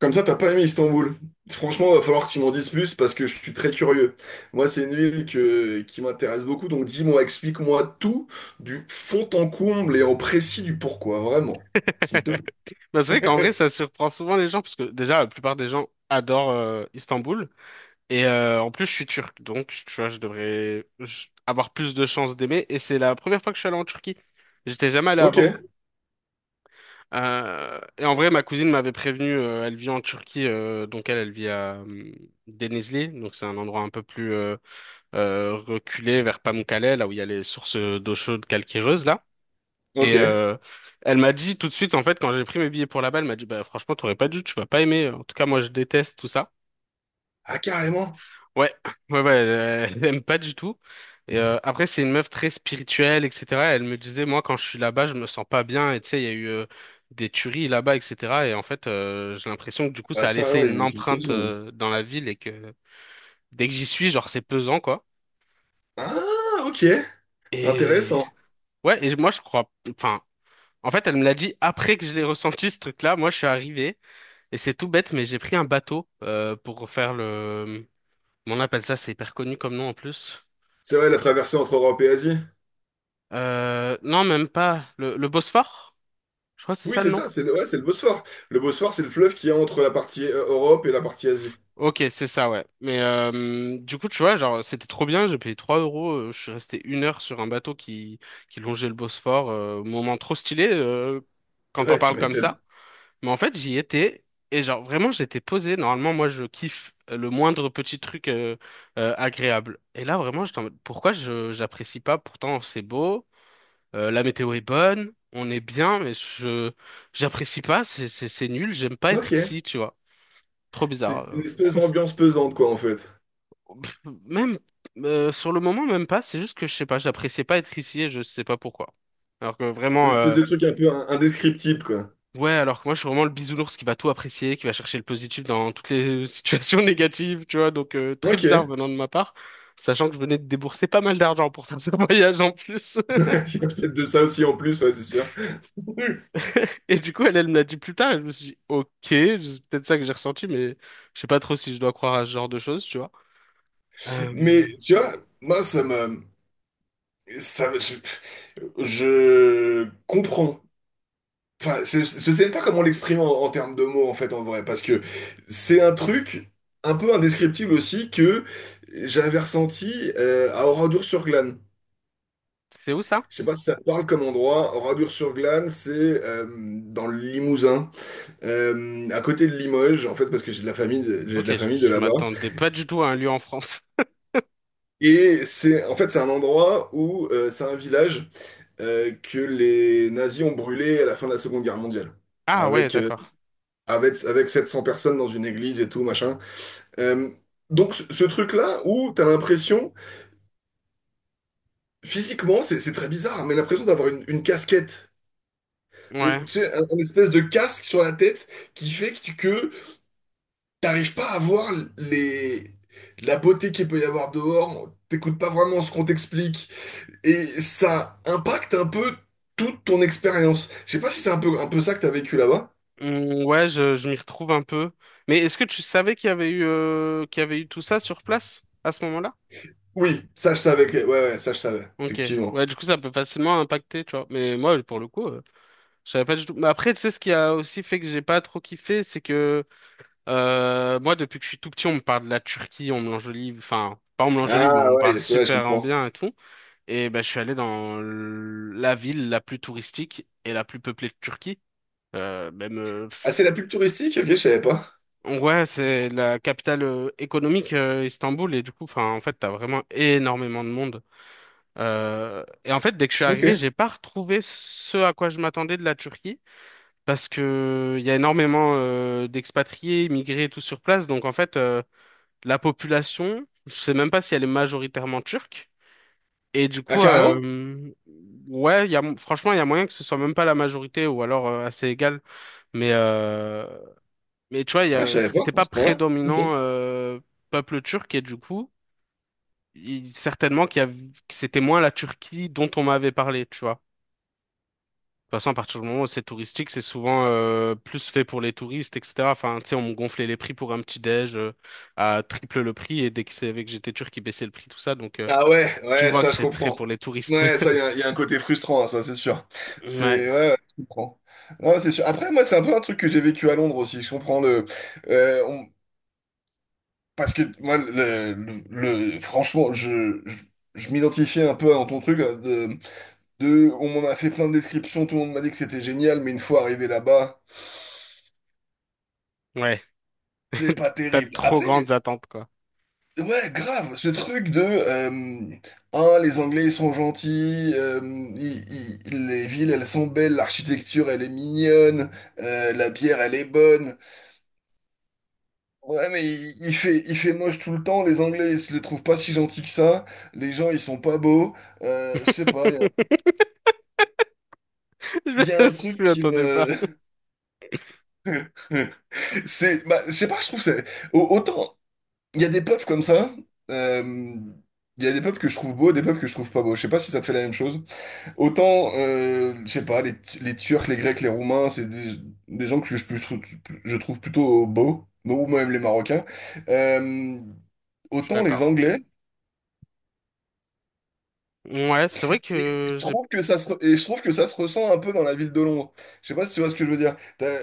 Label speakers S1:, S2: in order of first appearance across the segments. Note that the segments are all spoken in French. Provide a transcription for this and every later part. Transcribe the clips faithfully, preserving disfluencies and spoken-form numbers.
S1: Comme ça, t'as pas aimé Istanbul. Franchement, va falloir que tu m'en dises plus parce que je suis très curieux. Moi, c'est une ville que, qui m'intéresse beaucoup, donc dis-moi, explique-moi tout du fond en comble et en précis du pourquoi, vraiment. S'il te
S2: Bah, c'est vrai qu'en vrai,
S1: plaît.
S2: ça surprend souvent les gens, parce que déjà, la plupart des gens adorent euh, Istanbul. Et euh, en plus, je suis turc, donc tu vois, je devrais je- avoir plus de chances d'aimer. Et c'est la première fois que je suis allé en Turquie. J'étais jamais allé avant.
S1: Ok,
S2: Euh, et en vrai, ma cousine m'avait prévenu, euh, elle vit en Turquie, euh, donc elle, elle vit à euh, Denizli, donc c'est un endroit un peu plus euh, euh, reculé vers Pamukkale, là où il y a les sources d'eau chaude calcaireuse, là. Et
S1: ok.
S2: euh, Elle m'a dit tout de suite, en fait, quand j'ai pris mes billets pour là-bas, elle m'a dit, bah franchement, t'aurais pas dû, tu vas pas aimer. En tout cas, moi, je déteste tout ça.
S1: Ah, carrément.
S2: Ouais, ouais, ouais, elle, elle aime pas du tout. Et euh, après, c'est une meuf très spirituelle, et cetera. Elle me disait, moi, quand je suis là-bas, je me sens pas bien. Et tu sais, il y a eu euh, des tueries là-bas, et cetera. Et en fait, euh, j'ai l'impression que du coup,
S1: Ah,
S2: ça a
S1: ça,
S2: laissé
S1: ouais, il y
S2: une
S1: en a
S2: empreinte
S1: quelques-unes.
S2: euh, dans la ville et que dès que j'y suis, genre, c'est pesant, quoi.
S1: Ah, ok.
S2: Et
S1: Intéressant.
S2: ouais, et moi, je crois. Enfin. En fait, elle me l'a dit après que je l'ai ressenti, ce truc-là. Moi, je suis arrivé, et c'est tout bête, mais j'ai pris un bateau euh, pour faire le… Comment on appelle ça, c'est hyper connu comme nom en plus.
S1: C'est vrai, la traversée entre Europe et Asie.
S2: Euh, non, même pas. Le, Le Bosphore? Je crois que c'est
S1: Oui,
S2: ça
S1: c'est
S2: le nom.
S1: ça, c'est le, ouais, c'est le Bosphore. Le Bosphore, c'est le fleuve qui est entre la partie euh, Europe et la partie Asie.
S2: Ok, c'est ça, ouais. Mais euh, du coup, tu vois, genre, c'était trop bien. J'ai payé trois euros. euh, Je suis resté une heure sur un bateau qui, qui longeait le Bosphore. Euh, moment trop stylé euh, quand on
S1: Ouais, tu
S2: parle comme
S1: m'étonnes.
S2: ça. Mais en fait, j'y étais et genre vraiment j'étais posé. Normalement, moi je kiffe euh, le moindre petit truc euh, euh, agréable. Et là vraiment, j'étais en mode, pourquoi je j'apprécie pas? Pourtant c'est beau, euh, la météo est bonne, on est bien, mais je j'apprécie pas. C'est c'est c'est nul. J'aime pas être
S1: Ok.
S2: ici, tu vois. Trop bizarre.
S1: C'est une
S2: Euh,
S1: espèce d'ambiance pesante, quoi, en fait.
S2: pff, Même euh, sur le moment même pas. C'est juste que je sais pas, j'appréciais pas être ici et je sais pas pourquoi. Alors que
S1: Une
S2: vraiment.
S1: espèce
S2: euh,
S1: de truc un peu in- indescriptible, quoi.
S2: Ouais, alors que moi, je suis vraiment le bisounours qui va tout apprécier, qui va chercher le positif dans toutes les situations négatives, tu vois. Donc, euh, très
S1: Ok.
S2: bizarre
S1: Il
S2: venant de ma part, sachant que je venais de débourser pas mal d'argent pour faire ce voyage en plus.
S1: y a peut-être de ça aussi en plus, ouais, c'est sûr.
S2: Et du coup, elle, elle me l'a dit plus tard, et je me suis dit, ok, c'est peut-être ça que j'ai ressenti, mais je sais pas trop si je dois croire à ce genre de choses, tu vois. Euh,
S1: Mais tu vois. Moi, ça me... Ça, me- je, je comprends. Enfin, je, je sais pas comment l'exprimer en, en termes de mots, en fait, en vrai. Parce que c'est un truc un peu indescriptible aussi que j'avais ressenti euh, à Oradour-sur-Glane.
S2: c'est où ça?
S1: Je sais pas si ça te parle comme endroit. Oradour-sur-Glane, c'est euh, dans le Limousin. Euh, à côté de Limoges, en fait, parce que j'ai de la famille, de- j'ai de
S2: Ok,
S1: la
S2: je,
S1: famille de
S2: je
S1: là-bas.
S2: m'attendais pas du tout à un lieu en France.
S1: Et c'est, en fait, c'est un endroit où euh, c'est un village euh, que les nazis ont brûlé à la fin de la Seconde Guerre mondiale,
S2: Ah ouais,
S1: avec euh,
S2: d'accord.
S1: avec avec sept cents personnes dans une église et tout machin. Euh, donc ce, ce truc-là où t'as l'impression, physiquement, c'est c'est très bizarre, mais l'impression d'avoir une, une casquette. Euh,
S2: Ouais.
S1: Tu sais, un, un espèce de casque sur la tête qui fait que, tu- que t'arrives pas à voir les... la beauté qu'il peut y avoir dehors, t'écoutes pas vraiment ce qu'on t'explique, et ça impacte un peu toute ton expérience. Je sais pas si c'est un peu, un peu ça que t'as vécu là-bas.
S2: Mm, ouais, je, je m'y retrouve un peu. Mais est-ce que tu savais qu'il y avait eu, euh, qu'il y avait eu tout ça sur place à ce moment-là?
S1: Oui, ça je savais, que- ouais, ouais, ça je savais,
S2: Ok.
S1: effectivement.
S2: Ouais, du coup, ça peut facilement impacter, tu vois. Mais moi, pour le coup, euh, je savais pas du tout. Mais après, tu sais, ce qui a aussi fait que j'ai pas trop kiffé, c'est que euh, moi, depuis que je suis tout petit, on me parle de la Turquie, on me l'enjolive. Enfin, pas on me l'enjolive, mais on
S1: Ah
S2: me
S1: ouais,
S2: parle
S1: ouais, je
S2: super en
S1: comprends.
S2: bien et tout. Et ben, je suis allé dans l- la ville la plus touristique et la plus peuplée de Turquie. Euh, même.
S1: Ah, c'est la pub touristique? Ok, je savais pas.
S2: Ouais, c'est la capitale euh, économique, euh, Istanbul, et du coup, enfin, en fait, t'as vraiment énormément de monde. Euh, et en fait, dès que je suis arrivé,
S1: Ok.
S2: j'ai pas retrouvé ce à quoi je m'attendais de la Turquie, parce que il y a énormément euh, d'expatriés, immigrés, et tout sur place. Donc, en fait, euh, la population, je sais même pas si elle est majoritairement turque. Et du
S1: Ah,
S2: coup,
S1: carrément?
S2: euh, ouais, il y a, franchement, il y a moyen que ce soit même pas la majorité, ou alors euh, assez égal. Mais euh, mais tu vois, il y
S1: Ah, je
S2: a-
S1: savais pas,
S2: c'était
S1: à
S2: pas
S1: ce point-là. Ok.
S2: prédominant euh, peuple turc et du coup, il- certainement qu'il y a, que c'était moins la Turquie dont on m'avait parlé, tu vois. De toute façon, à partir du moment où c'est touristique, c'est souvent euh, plus fait pour les touristes, et cetera. Enfin, tu sais, on me gonflait les prix pour un petit déj euh, à triple le prix et dès qu'ils savaient que j'étais turc, ils baissaient le prix, tout ça. Donc, euh,
S1: Ah ouais,
S2: tu
S1: ouais,
S2: vois que
S1: ça je
S2: c'est très
S1: comprends.
S2: pour les touristes.
S1: Ouais, ça, il y, a il y a un côté frustrant, hein, ça c'est sûr.
S2: Ouais,
S1: C'est... Ouais, ouais, je comprends. Non, c'est sûr. Après, moi, c'est un peu un truc que j'ai vécu à Londres aussi. Je comprends. le... euh, on- Parce que moi, le, le- le- franchement, je, je, je m'identifiais un peu dans ton truc, hein. De, de, on m'en a fait plein de descriptions, tout le monde m'a dit que c'était génial, mais une fois arrivé là-bas,
S2: ouais.
S1: c'est pas
S2: T'as de
S1: terrible.
S2: trop
S1: Après,
S2: grandes attentes, quoi.
S1: ouais, grave, ce truc de euh, un, les Anglais ils sont gentils, euh, ils- ils- ils- les villes elles sont belles, l'architecture elle est mignonne, euh, la bière elle est bonne. Ouais, mais il, il fait il fait moche tout le temps. Les Anglais ils se les trouvent pas si gentils que ça. Les gens ils sont pas beaux. Euh, je sais pas, il y a, il y a un
S2: Je
S1: truc
S2: m'y
S1: qui
S2: attendais
S1: me
S2: pas.
S1: c'est, bah, je sais pas, je trouve que c'est au- autant il y a des peuples comme ça. euh, Il y a des peuples que je trouve beaux, des peuples que je trouve pas beaux. Je sais pas si ça te fait la même chose. Autant, euh, je sais pas, les, les Turcs, les Grecs, les Roumains, c'est des, des gens que je, peux trou- je trouve plutôt beaux, ou même les Marocains. Euh,
S2: Je suis
S1: Autant les
S2: d'accord.
S1: Anglais,
S2: Ouais, c'est vrai
S1: et je
S2: que j'ai…
S1: trouve que ça se, re- et je trouve que ça se ressent un peu dans la ville de Londres. Je sais pas si tu vois ce que je veux dire. T'as-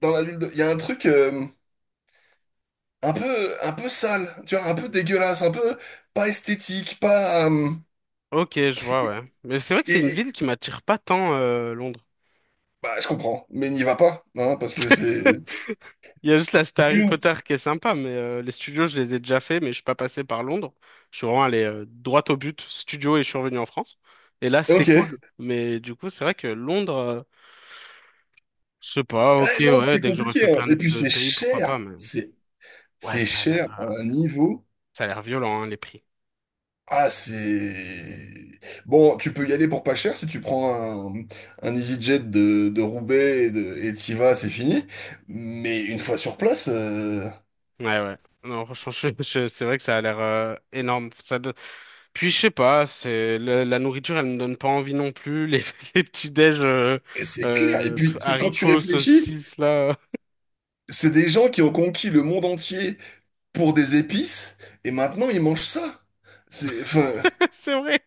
S1: Dans la ville de, Il y a un truc euh, un peu, un peu, sale, tu vois, un peu dégueulasse, un peu pas esthétique, pas. euh,
S2: Ok, je vois, ouais. Mais c'est vrai que
S1: et,
S2: c'est une
S1: et-
S2: ville qui m'attire pas tant, euh, Londres.
S1: Bah, je comprends, mais n'y va pas, hein, parce que c'est.
S2: Il y a juste l'aspect Harry
S1: D'une-
S2: Potter qui est sympa, mais euh, les studios, je les ai déjà fait, mais je suis pas passé par Londres. Je suis vraiment allé euh, droit au but, studio, et je suis revenu en France. Et là, c'était
S1: Ok.
S2: cool. Mais du coup, c'est vrai que Londres, euh, je sais pas, ok,
S1: Ouais, non,
S2: ouais,
S1: c'est
S2: dès que j'aurais
S1: compliqué,
S2: fait
S1: hein.
S2: plein
S1: Et puis
S2: de
S1: c'est
S2: pays, pourquoi
S1: cher.
S2: pas, mais
S1: C'est
S2: ouais,
S1: c'est
S2: ça a
S1: cher
S2: l'air euh,
S1: à un niveau.
S2: ça a l'air violent, hein, les prix.
S1: Ah, c'est... bon, tu peux y aller pour pas cher si tu prends un, un EasyJet de, de Roubaix et de, et t'y vas, c'est fini. Mais une fois sur place, euh,
S2: Ouais, ouais. Non, franchement, je- je- c'est vrai que ça a l'air euh, énorme. Ça, puis je sais pas, c'est la, la nourriture, elle me donne pas envie non plus. Les, les petits déj euh,
S1: et c'est clair. Et
S2: euh, p-
S1: puis, c'est- quand tu
S2: haricots,
S1: réfléchis,
S2: saucisses là,
S1: c'est des gens qui ont conquis le monde entier pour des épices et maintenant ils mangent ça. C'est, enfin.
S2: c'est vrai.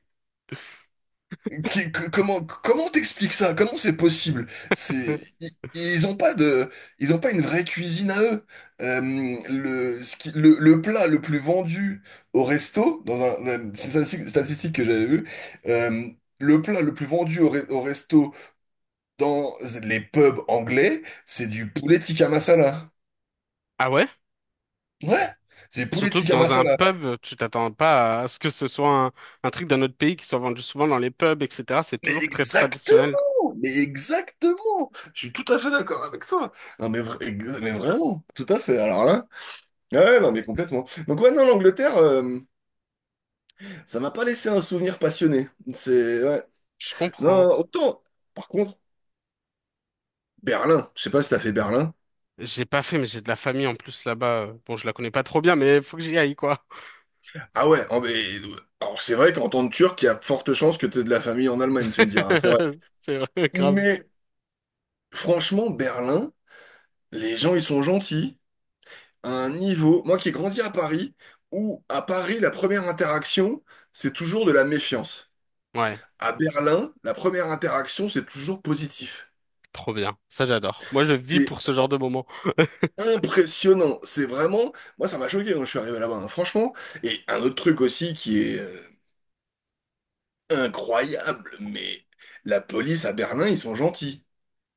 S1: Qui- que- comment comment t'expliques ça? Comment c'est possible? C'est i- ils, ont pas de ils ont pas une vraie cuisine à eux. Euh, le, ce qui- le le plat le plus vendu au resto dans un, un- c'est une statistique statistique que j'avais vue. euh, le plat le plus vendu au, re- au resto dans les pubs anglais, c'est du poulet tikka masala.
S2: Ah ouais?
S1: Ouais, c'est du poulet
S2: Surtout que
S1: tikka
S2: dans un
S1: masala.
S2: pub, tu t'attends pas à ce que ce soit un, un truc d'un autre pays qui soit vendu souvent dans les pubs, et cetera. C'est
S1: Mais
S2: toujours très traditionnel.
S1: exactement, mais exactement. Je suis tout à fait d'accord avec toi. Non mais, vra- ex- mais vraiment, tout à fait. Alors là, ah ouais, non mais complètement. Donc ouais, non, l'Angleterre, euh, ça m'a pas laissé un souvenir passionné. C'est, ouais.
S2: Je comprends.
S1: Non, autant. Par contre, Berlin. Je sais pas si t'as fait Berlin.
S2: J'ai pas fait, mais j'ai de la famille en plus là-bas. Bon, je la connais pas trop bien, mais faut que j'y aille quoi.
S1: Ah ouais. oh, mais- Alors c'est vrai qu'en tant que Turc, il y a de fortes chances que t'aies de la famille en Allemagne, tu me diras. C'est vrai.
S2: C'est vrai, grave.
S1: Mais franchement, Berlin, les gens ils sont gentils. Un niveau, moi qui ai grandi à Paris, où à Paris, la première interaction, c'est toujours de la méfiance.
S2: Ouais,
S1: À Berlin, la première interaction, c'est toujours positif.
S2: trop bien. Ça j'adore. Moi, je vis
S1: C'était
S2: pour ce genre de moment.
S1: impressionnant. C'est vraiment, moi ça m'a choqué quand je suis arrivé là-bas, hein, franchement. Et un autre truc aussi qui est euh, incroyable, mais la police à Berlin, ils sont gentils.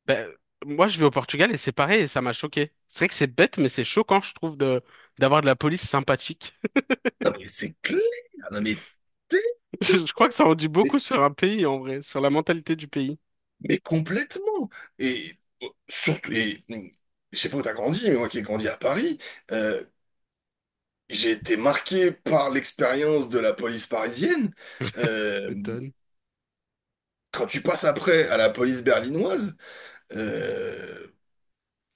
S2: Ben, moi, je vais au Portugal et c'est pareil et ça m'a choqué. C'est vrai que c'est bête, mais c'est choquant, je trouve, de d'avoir de la police sympathique.
S1: Non, mais c'est clair, non, mais t'es idiot.
S2: Je crois que ça en dit beaucoup
S1: mais,
S2: sur un pays, en vrai, sur la mentalité du pays.
S1: mais complètement. Et euh, surtout, et mm, je sais pas où t'as grandi, mais moi qui ai grandi à Paris. euh, J'ai été marqué par l'expérience de la police parisienne. Euh,
S2: Étonne.
S1: Quand tu passes après à la police berlinoise, euh,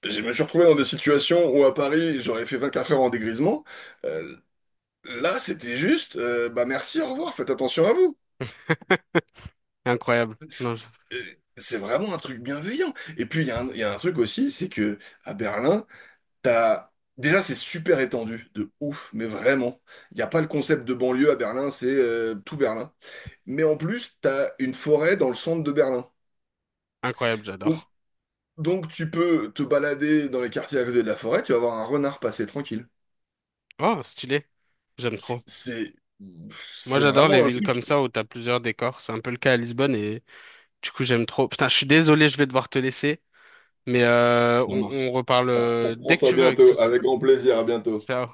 S1: je me suis retrouvé dans des situations où à Paris, j'aurais fait vingt-quatre heures en dégrisement. Euh, Là, c'était juste, euh, bah merci, au revoir, faites attention à vous.
S2: Incroyable.
S1: C'est
S2: Non, je-
S1: euh, c'est vraiment un truc bienveillant. Et puis, il y a un, il y a un truc aussi, c'est que à Berlin, t'as... Déjà, c'est super étendu, de ouf, mais vraiment. Il n'y a pas le concept de banlieue à Berlin, c'est euh, tout Berlin. Mais en plus, tu as une forêt dans le centre de Berlin.
S2: incroyable,
S1: Donc,
S2: j'adore.
S1: donc tu peux te balader dans les quartiers à côté de la forêt, tu vas voir un renard passer tranquille.
S2: Oh, stylé. J'aime trop.
S1: C'est,
S2: Moi,
S1: c'est
S2: j'adore les
S1: vraiment un
S2: villes comme
S1: truc.
S2: ça où t'as plusieurs décors. C'est un peu le cas à Lisbonne et du coup, j'aime trop. Putain, je suis désolé, je vais devoir te laisser, mais euh,
S1: Ça
S2: on,
S1: marche.
S2: on reparle
S1: On
S2: euh,
S1: reprend
S2: dès que
S1: ça
S2: tu veux avec
S1: bientôt,
S2: souci.
S1: avec grand plaisir, à bientôt.
S2: Ciao.